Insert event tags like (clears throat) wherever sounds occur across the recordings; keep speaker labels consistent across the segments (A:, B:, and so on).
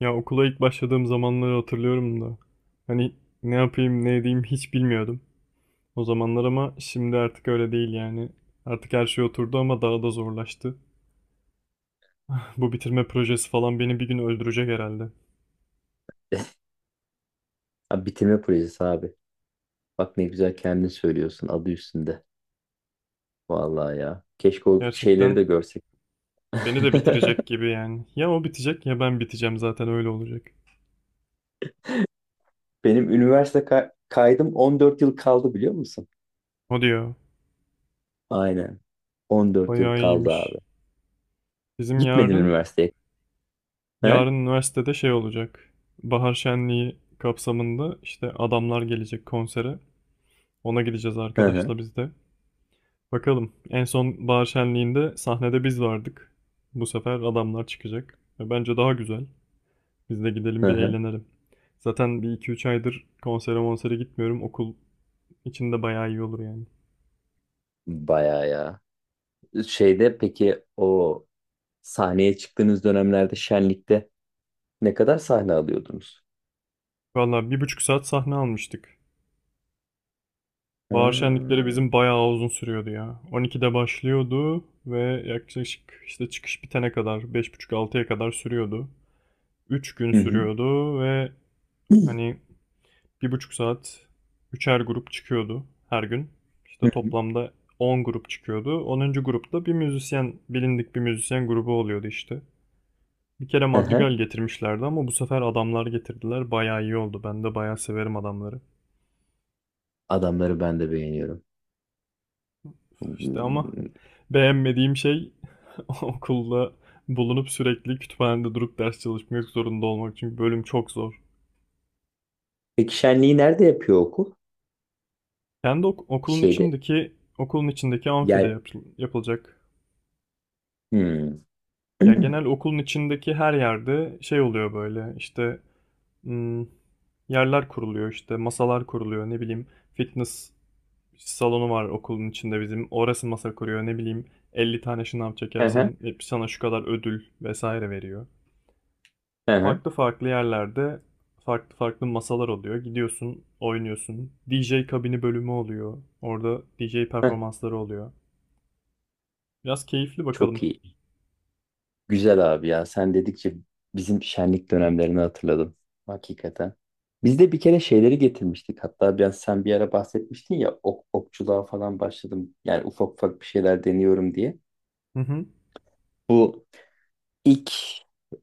A: Ya okula ilk başladığım zamanları hatırlıyorum da. Hani ne yapayım ne edeyim hiç bilmiyordum o zamanlar ama şimdi artık öyle değil yani. Artık her şey oturdu ama daha da zorlaştı. (laughs) Bu bitirme projesi falan beni bir gün öldürecek herhalde.
B: Abi, bitirme projesi abi. Bak, ne güzel kendin söylüyorsun, adı üstünde. Vallahi ya. Keşke o şeyleri
A: Gerçekten
B: de görsek.
A: beni
B: (laughs)
A: de bitirecek gibi yani. Ya o bitecek ya ben biteceğim, zaten öyle olacak.
B: Benim üniversite kaydım 14 yıl kaldı, biliyor musun?
A: O diyor.
B: Aynen. 14 yıl
A: Bayağı
B: kaldı abi.
A: iyiymiş. Bizim
B: Gitmedim
A: yarın,
B: üniversiteye. He?
A: yarın üniversitede şey olacak. Bahar şenliği kapsamında işte adamlar gelecek konsere. Ona gideceğiz
B: Hı hı.
A: arkadaşla biz de. Bakalım. En son bahar şenliğinde sahnede biz vardık. Bu sefer adamlar çıkacak. Ve bence daha güzel. Biz de gidelim
B: Hı
A: bir
B: hı.
A: eğlenelim. Zaten bir iki üç aydır konsere monsere gitmiyorum. Okul içinde bayağı iyi olur yani.
B: Bayağı ya. Şeyde, peki o sahneye çıktığınız dönemlerde şenlikte ne kadar sahne alıyordunuz?
A: Valla 1,5 saat sahne almıştık. Bahar
B: Ha.
A: şenlikleri bizim bayağı uzun sürüyordu ya. 12'de başlıyordu ve yaklaşık işte çıkış bitene kadar beş buçuk altıya kadar sürüyordu. 3 gün
B: Hı hı.
A: sürüyordu ve
B: (clears throat)
A: hani 1,5 saat üçer grup çıkıyordu her gün.
B: Hı
A: İşte
B: hı.
A: toplamda 10 grup çıkıyordu. 10. grupta bir müzisyen, bilindik bir müzisyen grubu oluyordu işte. Bir kere
B: Hı
A: Madrigal
B: hı.
A: getirmişlerdi ama bu sefer adamlar getirdiler. Bayağı iyi oldu. Ben de bayağı severim adamları.
B: Adamları ben de beğeniyorum.
A: İşte ama beğenmediğim şey (laughs) okulda bulunup sürekli kütüphanede durup ders çalışmak zorunda olmak. Çünkü bölüm çok zor.
B: Peki şenliği nerede yapıyor okul?
A: Kendi ok- okulun
B: Şeyde
A: içindeki okulun içindeki amfide
B: yer.
A: yapılacak.
B: Hmm.
A: Ya
B: (clears throat)
A: genel okulun içindeki her yerde şey oluyor böyle işte, hmm, yerler kuruluyor işte, masalar kuruluyor, ne bileyim, fitness salonu var okulun içinde bizim, orası masa kuruyor, ne bileyim, 50 tane şınav
B: Hı hı,
A: çekersen hep sana şu kadar ödül vesaire veriyor.
B: hı.
A: Farklı farklı yerlerde farklı farklı masalar oluyor, gidiyorsun oynuyorsun, DJ kabini bölümü oluyor, orada DJ performansları oluyor. Biraz keyifli,
B: Çok
A: bakalım.
B: iyi. Güzel abi ya. Sen dedikçe bizim şenlik dönemlerini hatırladım. Hakikaten. Biz de bir kere şeyleri getirmiştik. Hatta biraz sen bir ara bahsetmiştin ya, okçuluğa falan başladım. Yani ufak ufak bir şeyler deniyorum diye.
A: Hı hı.
B: Bu ilk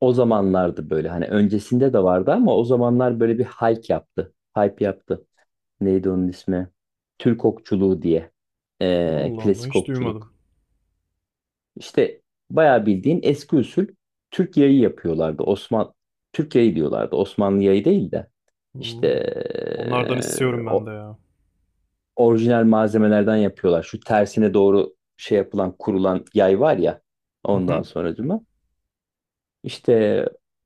B: o zamanlardı böyle. Hani öncesinde de vardı ama o zamanlar böyle bir hype yaptı. Hype yaptı. Neydi onun ismi? Türk okçuluğu diye.
A: Allah Allah,
B: Klasik
A: hiç duymadım.
B: okçuluk. İşte bayağı bildiğin eski usul Türk yayı yapıyorlardı. Osman Türk yayı diyorlardı. Osmanlı yayı değil de işte
A: Hmm. Onlardan istiyorum ben de
B: o
A: ya.
B: orijinal malzemelerden yapıyorlar. Şu tersine doğru şey yapılan kurulan yay var ya,
A: Hı
B: ondan
A: hı.
B: sonra İşte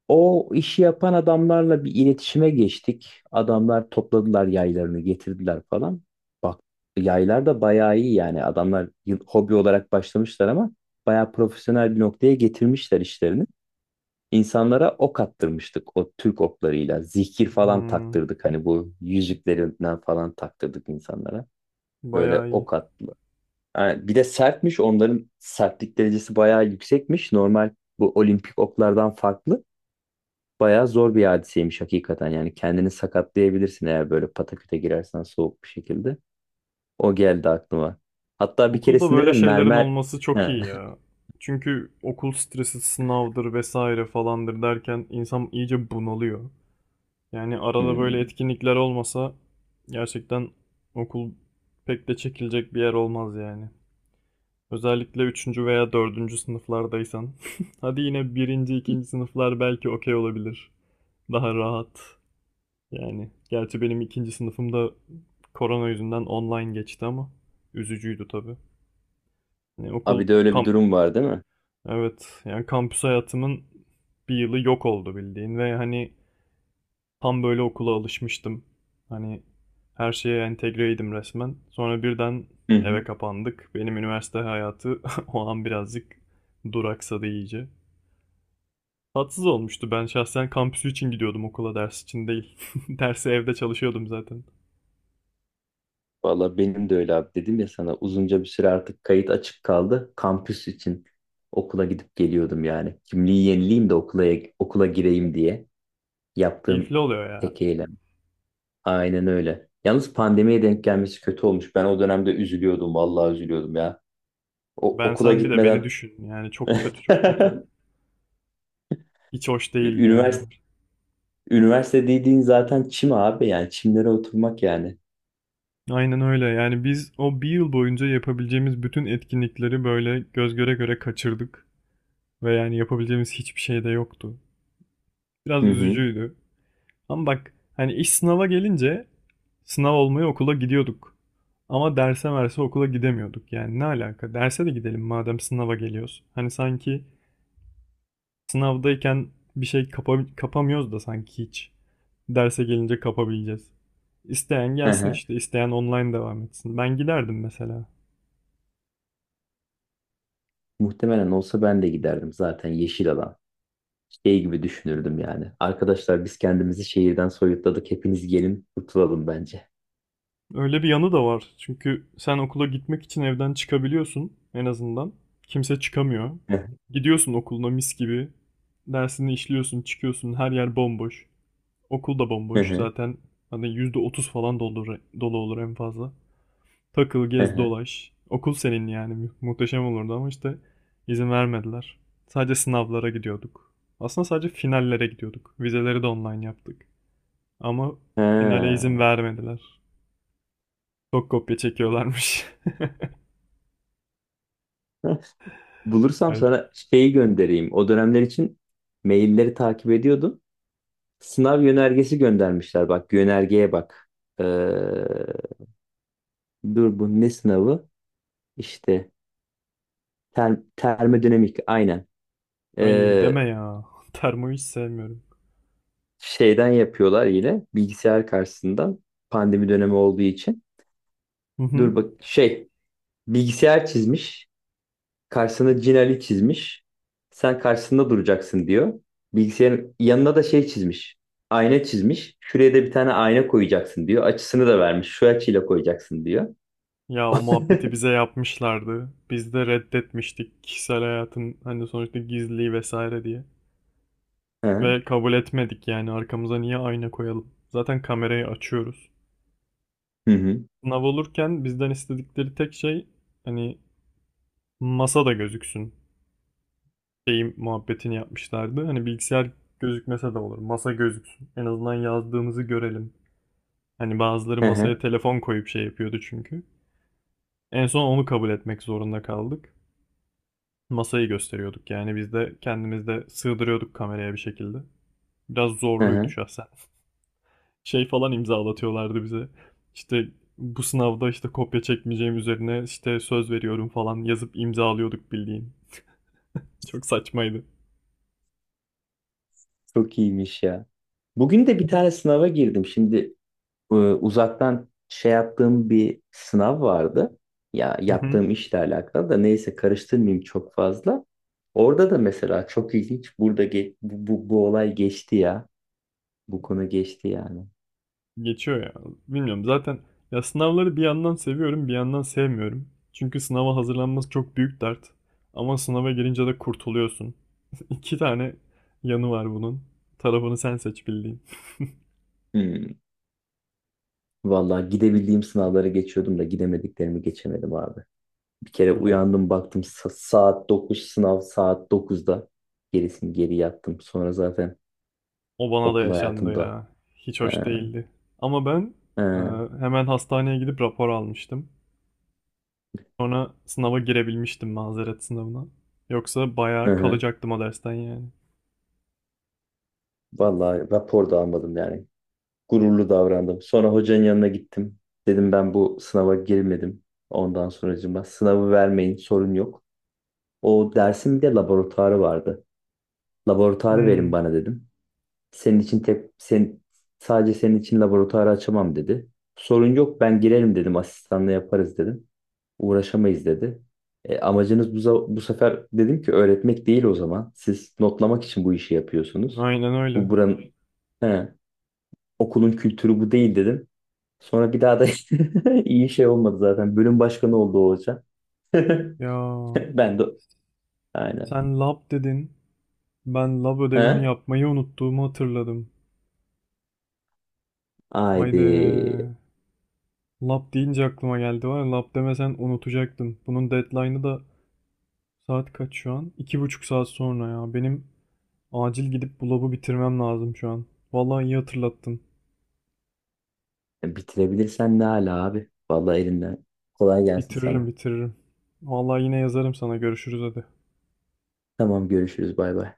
B: o işi yapan adamlarla bir iletişime geçtik. Adamlar topladılar, yaylarını getirdiler falan. Bak, yaylar da bayağı iyi yani. Adamlar hobi olarak başlamışlar ama bayağı profesyonel bir noktaya getirmişler işlerini. İnsanlara ok attırmıştık o Türk oklarıyla. Zikir falan
A: Hmm.
B: taktırdık, hani bu yüzüklerinden falan taktırdık insanlara. Böyle
A: Bayağı iyi.
B: ok attılar. Yani bir de sertmiş, onların sertlik derecesi bayağı yüksekmiş. Normal bu olimpik oklardan farklı. Bayağı zor bir hadiseymiş hakikaten. Yani kendini sakatlayabilirsin eğer böyle pataküte girersen soğuk bir şekilde. O geldi aklıma. Hatta bir
A: Okulda
B: keresinde
A: böyle
B: de
A: şeylerin
B: mermer...
A: olması çok
B: Ha.
A: iyi ya. Çünkü okul stresi, sınavdır vesaire falandır derken insan iyice bunalıyor. Yani arada böyle
B: Hmm.
A: etkinlikler olmasa gerçekten okul pek de çekilecek bir yer olmaz yani. Özellikle üçüncü veya dördüncü sınıflardaysan. (laughs) Hadi yine birinci ikinci sınıflar belki okey olabilir. Daha rahat. Yani gerçi benim ikinci sınıfımda korona yüzünden online geçti ama üzücüydü tabii. Yani okul
B: Abi de öyle bir
A: kamp,
B: durum var değil mi?
A: evet yani kampüs hayatımın bir yılı yok oldu bildiğin ve hani tam böyle okula alışmıştım. Hani her şeye entegreydim resmen. Sonra birden
B: Hı
A: eve
B: hı.
A: kapandık. Benim üniversite hayatı (laughs) o an birazcık duraksadı iyice. Tatsız olmuştu. Ben şahsen kampüsü için gidiyordum okula, ders için değil. (laughs) Dersi evde çalışıyordum zaten.
B: Valla benim de öyle abi, dedim ya sana, uzunca bir süre artık kayıt açık kaldı. Kampüs için okula gidip geliyordum yani. Kimliği yenileyim de okula gireyim diye yaptığım
A: Keyifli oluyor ya.
B: tek eylem. Aynen öyle. Yalnız pandemiye denk gelmesi kötü olmuş. Ben o dönemde üzülüyordum. Vallahi üzülüyordum ya.
A: Ben,
B: Okula
A: sen bir de beni
B: gitmeden
A: düşün. Yani çok kötü, çok kötü.
B: (laughs)
A: Hiç hoş değildi yani.
B: Üniversite üniversite dediğin zaten çim abi, yani çimlere oturmak yani.
A: Aynen öyle. Yani biz o bir yıl boyunca yapabileceğimiz bütün etkinlikleri böyle göz göre göre kaçırdık. Ve yani yapabileceğimiz hiçbir şey de yoktu. Biraz
B: Hı hı.
A: üzücüydü. Ama bak hani iş sınava gelince sınav olmaya okula gidiyorduk. Ama derse verse okula gidemiyorduk. Yani ne alaka? Derse de gidelim madem sınava geliyoruz. Hani sanki sınavdayken bir şey kapamıyoruz da sanki hiç. Derse gelince kapabileceğiz. İsteyen
B: Hı
A: gelsin
B: hı.
A: işte, isteyen online devam etsin. Ben giderdim mesela.
B: Muhtemelen olsa ben de giderdim zaten, yeşil alan. Şey gibi düşünürdüm yani. Arkadaşlar, biz kendimizi şehirden soyutladık. Hepiniz gelin kurtulalım bence.
A: Öyle bir yanı da var. Çünkü sen okula gitmek için evden çıkabiliyorsun en azından. Kimse çıkamıyor.
B: Hı hı.
A: Gidiyorsun okuluna mis gibi. Dersini işliyorsun, çıkıyorsun. Her yer bomboş. Okul da bomboş.
B: Hı
A: Zaten hani %30 falan dolu, dolu olur en fazla. Takıl,
B: hı.
A: gez,
B: Hı.
A: dolaş. Okul senin yani. Muhteşem olurdu ama işte izin vermediler. Sadece sınavlara gidiyorduk. Aslında sadece finallere gidiyorduk. Vizeleri de online yaptık. Ama finale izin
B: Ha.
A: vermediler. Çok kopya çekiyorlarmış. (laughs)
B: Bulursam
A: Evet.
B: sana şeyi göndereyim. O dönemler için mailleri takip ediyordum. Sınav yönergesi göndermişler. Bak, yönergeye bak. Ee, dur, bu ne sınavı? İşte termodinamik, aynen.
A: Ay,
B: Ee,
A: deme ya. (laughs) Termoyu hiç sevmiyorum.
B: şeyden yapıyorlar yine, bilgisayar karşısından, pandemi dönemi olduğu için.
A: Hı hı.
B: Dur bak, şey, bilgisayar çizmiş, karşısına Cin Ali çizmiş. Sen karşısında duracaksın diyor. Bilgisayarın yanına da şey çizmiş. Ayna çizmiş. Şuraya da bir tane ayna koyacaksın diyor. Açısını da vermiş. Şu açıyla koyacaksın diyor.
A: Ya o muhabbeti bize
B: (laughs)
A: yapmışlardı. Biz de reddetmiştik, kişisel hayatın hani sonuçta gizliliği vesaire diye.
B: Hı hı.
A: Ve kabul etmedik, yani arkamıza niye ayna koyalım? Zaten kamerayı açıyoruz.
B: Hı hı.
A: Sınav olurken bizden istedikleri tek şey, hani, masa da gözüksün. Şeyim muhabbetini yapmışlardı. Hani bilgisayar gözükmese de olur, masa gözüksün. En azından yazdığımızı görelim. Hani bazıları
B: Hı
A: masaya
B: hı.
A: telefon koyup şey yapıyordu çünkü. En son onu kabul etmek zorunda kaldık. Masayı gösteriyorduk yani, biz de kendimiz de sığdırıyorduk kameraya bir şekilde. Biraz
B: Hı
A: zorluydu
B: hı.
A: şahsen. (laughs) Şey falan imzalatıyorlardı bize. İşte bu sınavda işte kopya çekmeyeceğim üzerine işte söz veriyorum falan yazıp imzalıyorduk bildiğin. Çok saçmaydı.
B: Çok iyiymiş ya. Bugün de bir tane sınava girdim. Şimdi uzaktan şey yaptığım bir sınav vardı. Ya,
A: Hı hı.
B: yaptığım işle alakalı da, neyse, karıştırmayayım çok fazla. Orada da mesela çok ilginç, burada bu olay geçti ya. Bu konu geçti yani.
A: Geçiyor ya. Bilmiyorum zaten, ya sınavları bir yandan seviyorum bir yandan sevmiyorum. Çünkü sınava hazırlanması çok büyük dert. Ama sınava girince de kurtuluyorsun. (laughs) İki tane yanı var bunun. Tarafını sen seç bildiğin.
B: Hmm. Vallahi gidebildiğim sınavlara geçiyordum da gidemediklerimi geçemedim abi. Bir kere
A: Ya
B: uyandım, baktım saat dokuz, sınav saat 9'da. Gerisini geri yattım. Sonra zaten
A: o bana da
B: okul
A: yaşandı
B: hayatımda.
A: ya. Hiç
B: Ee,
A: hoş değildi. Ama ben, e,
B: ee,
A: hemen hastaneye gidip rapor almıştım. Sonra sınava girebilmiştim, mazeret sınavına. Yoksa
B: hı
A: bayağı
B: hı.
A: kalacaktım o dersten yani.
B: Vallahi rapor da almadım yani. Gururlu davrandım. Sonra hocanın yanına gittim. Dedim ben bu sınava girmedim. Ondan sonracığıma sınavı vermeyin, sorun yok. O dersin bir de laboratuvarı vardı. Laboratuvarı
A: Hmm,
B: verin bana, dedim. Senin için tek sen sadece senin için laboratuvarı açamam, dedi. Sorun yok, ben girerim dedim, asistanla yaparız dedim. Uğraşamayız, dedi. E, amacınız bu, bu sefer dedim ki, öğretmek değil o zaman. Siz notlamak için bu işi yapıyorsunuz.
A: aynen öyle.
B: Buranın, he, okulun kültürü bu değil, dedim. Sonra bir daha da (laughs) iyi şey olmadı zaten. Bölüm başkanı oldu o hoca. (laughs)
A: Ya
B: Ben de aynen.
A: sen lab dedin. Ben lab ödevimi
B: He?
A: yapmayı unuttuğumu hatırladım.
B: Haydi.
A: Haydi. Lab deyince aklıma geldi, var ya, lab demesen unutacaktım. Bunun deadline'ı da saat kaç şu an? 2,5 saat sonra ya. Benim acil gidip bu labı bitirmem lazım şu an. Vallahi iyi hatırlattın.
B: Bitirebilirsen ne ala abi. Vallahi elinden. Kolay gelsin
A: Bitiririm,
B: sana.
A: bitiririm. Vallahi yine yazarım sana, görüşürüz hadi.
B: Tamam, görüşürüz, bay bay.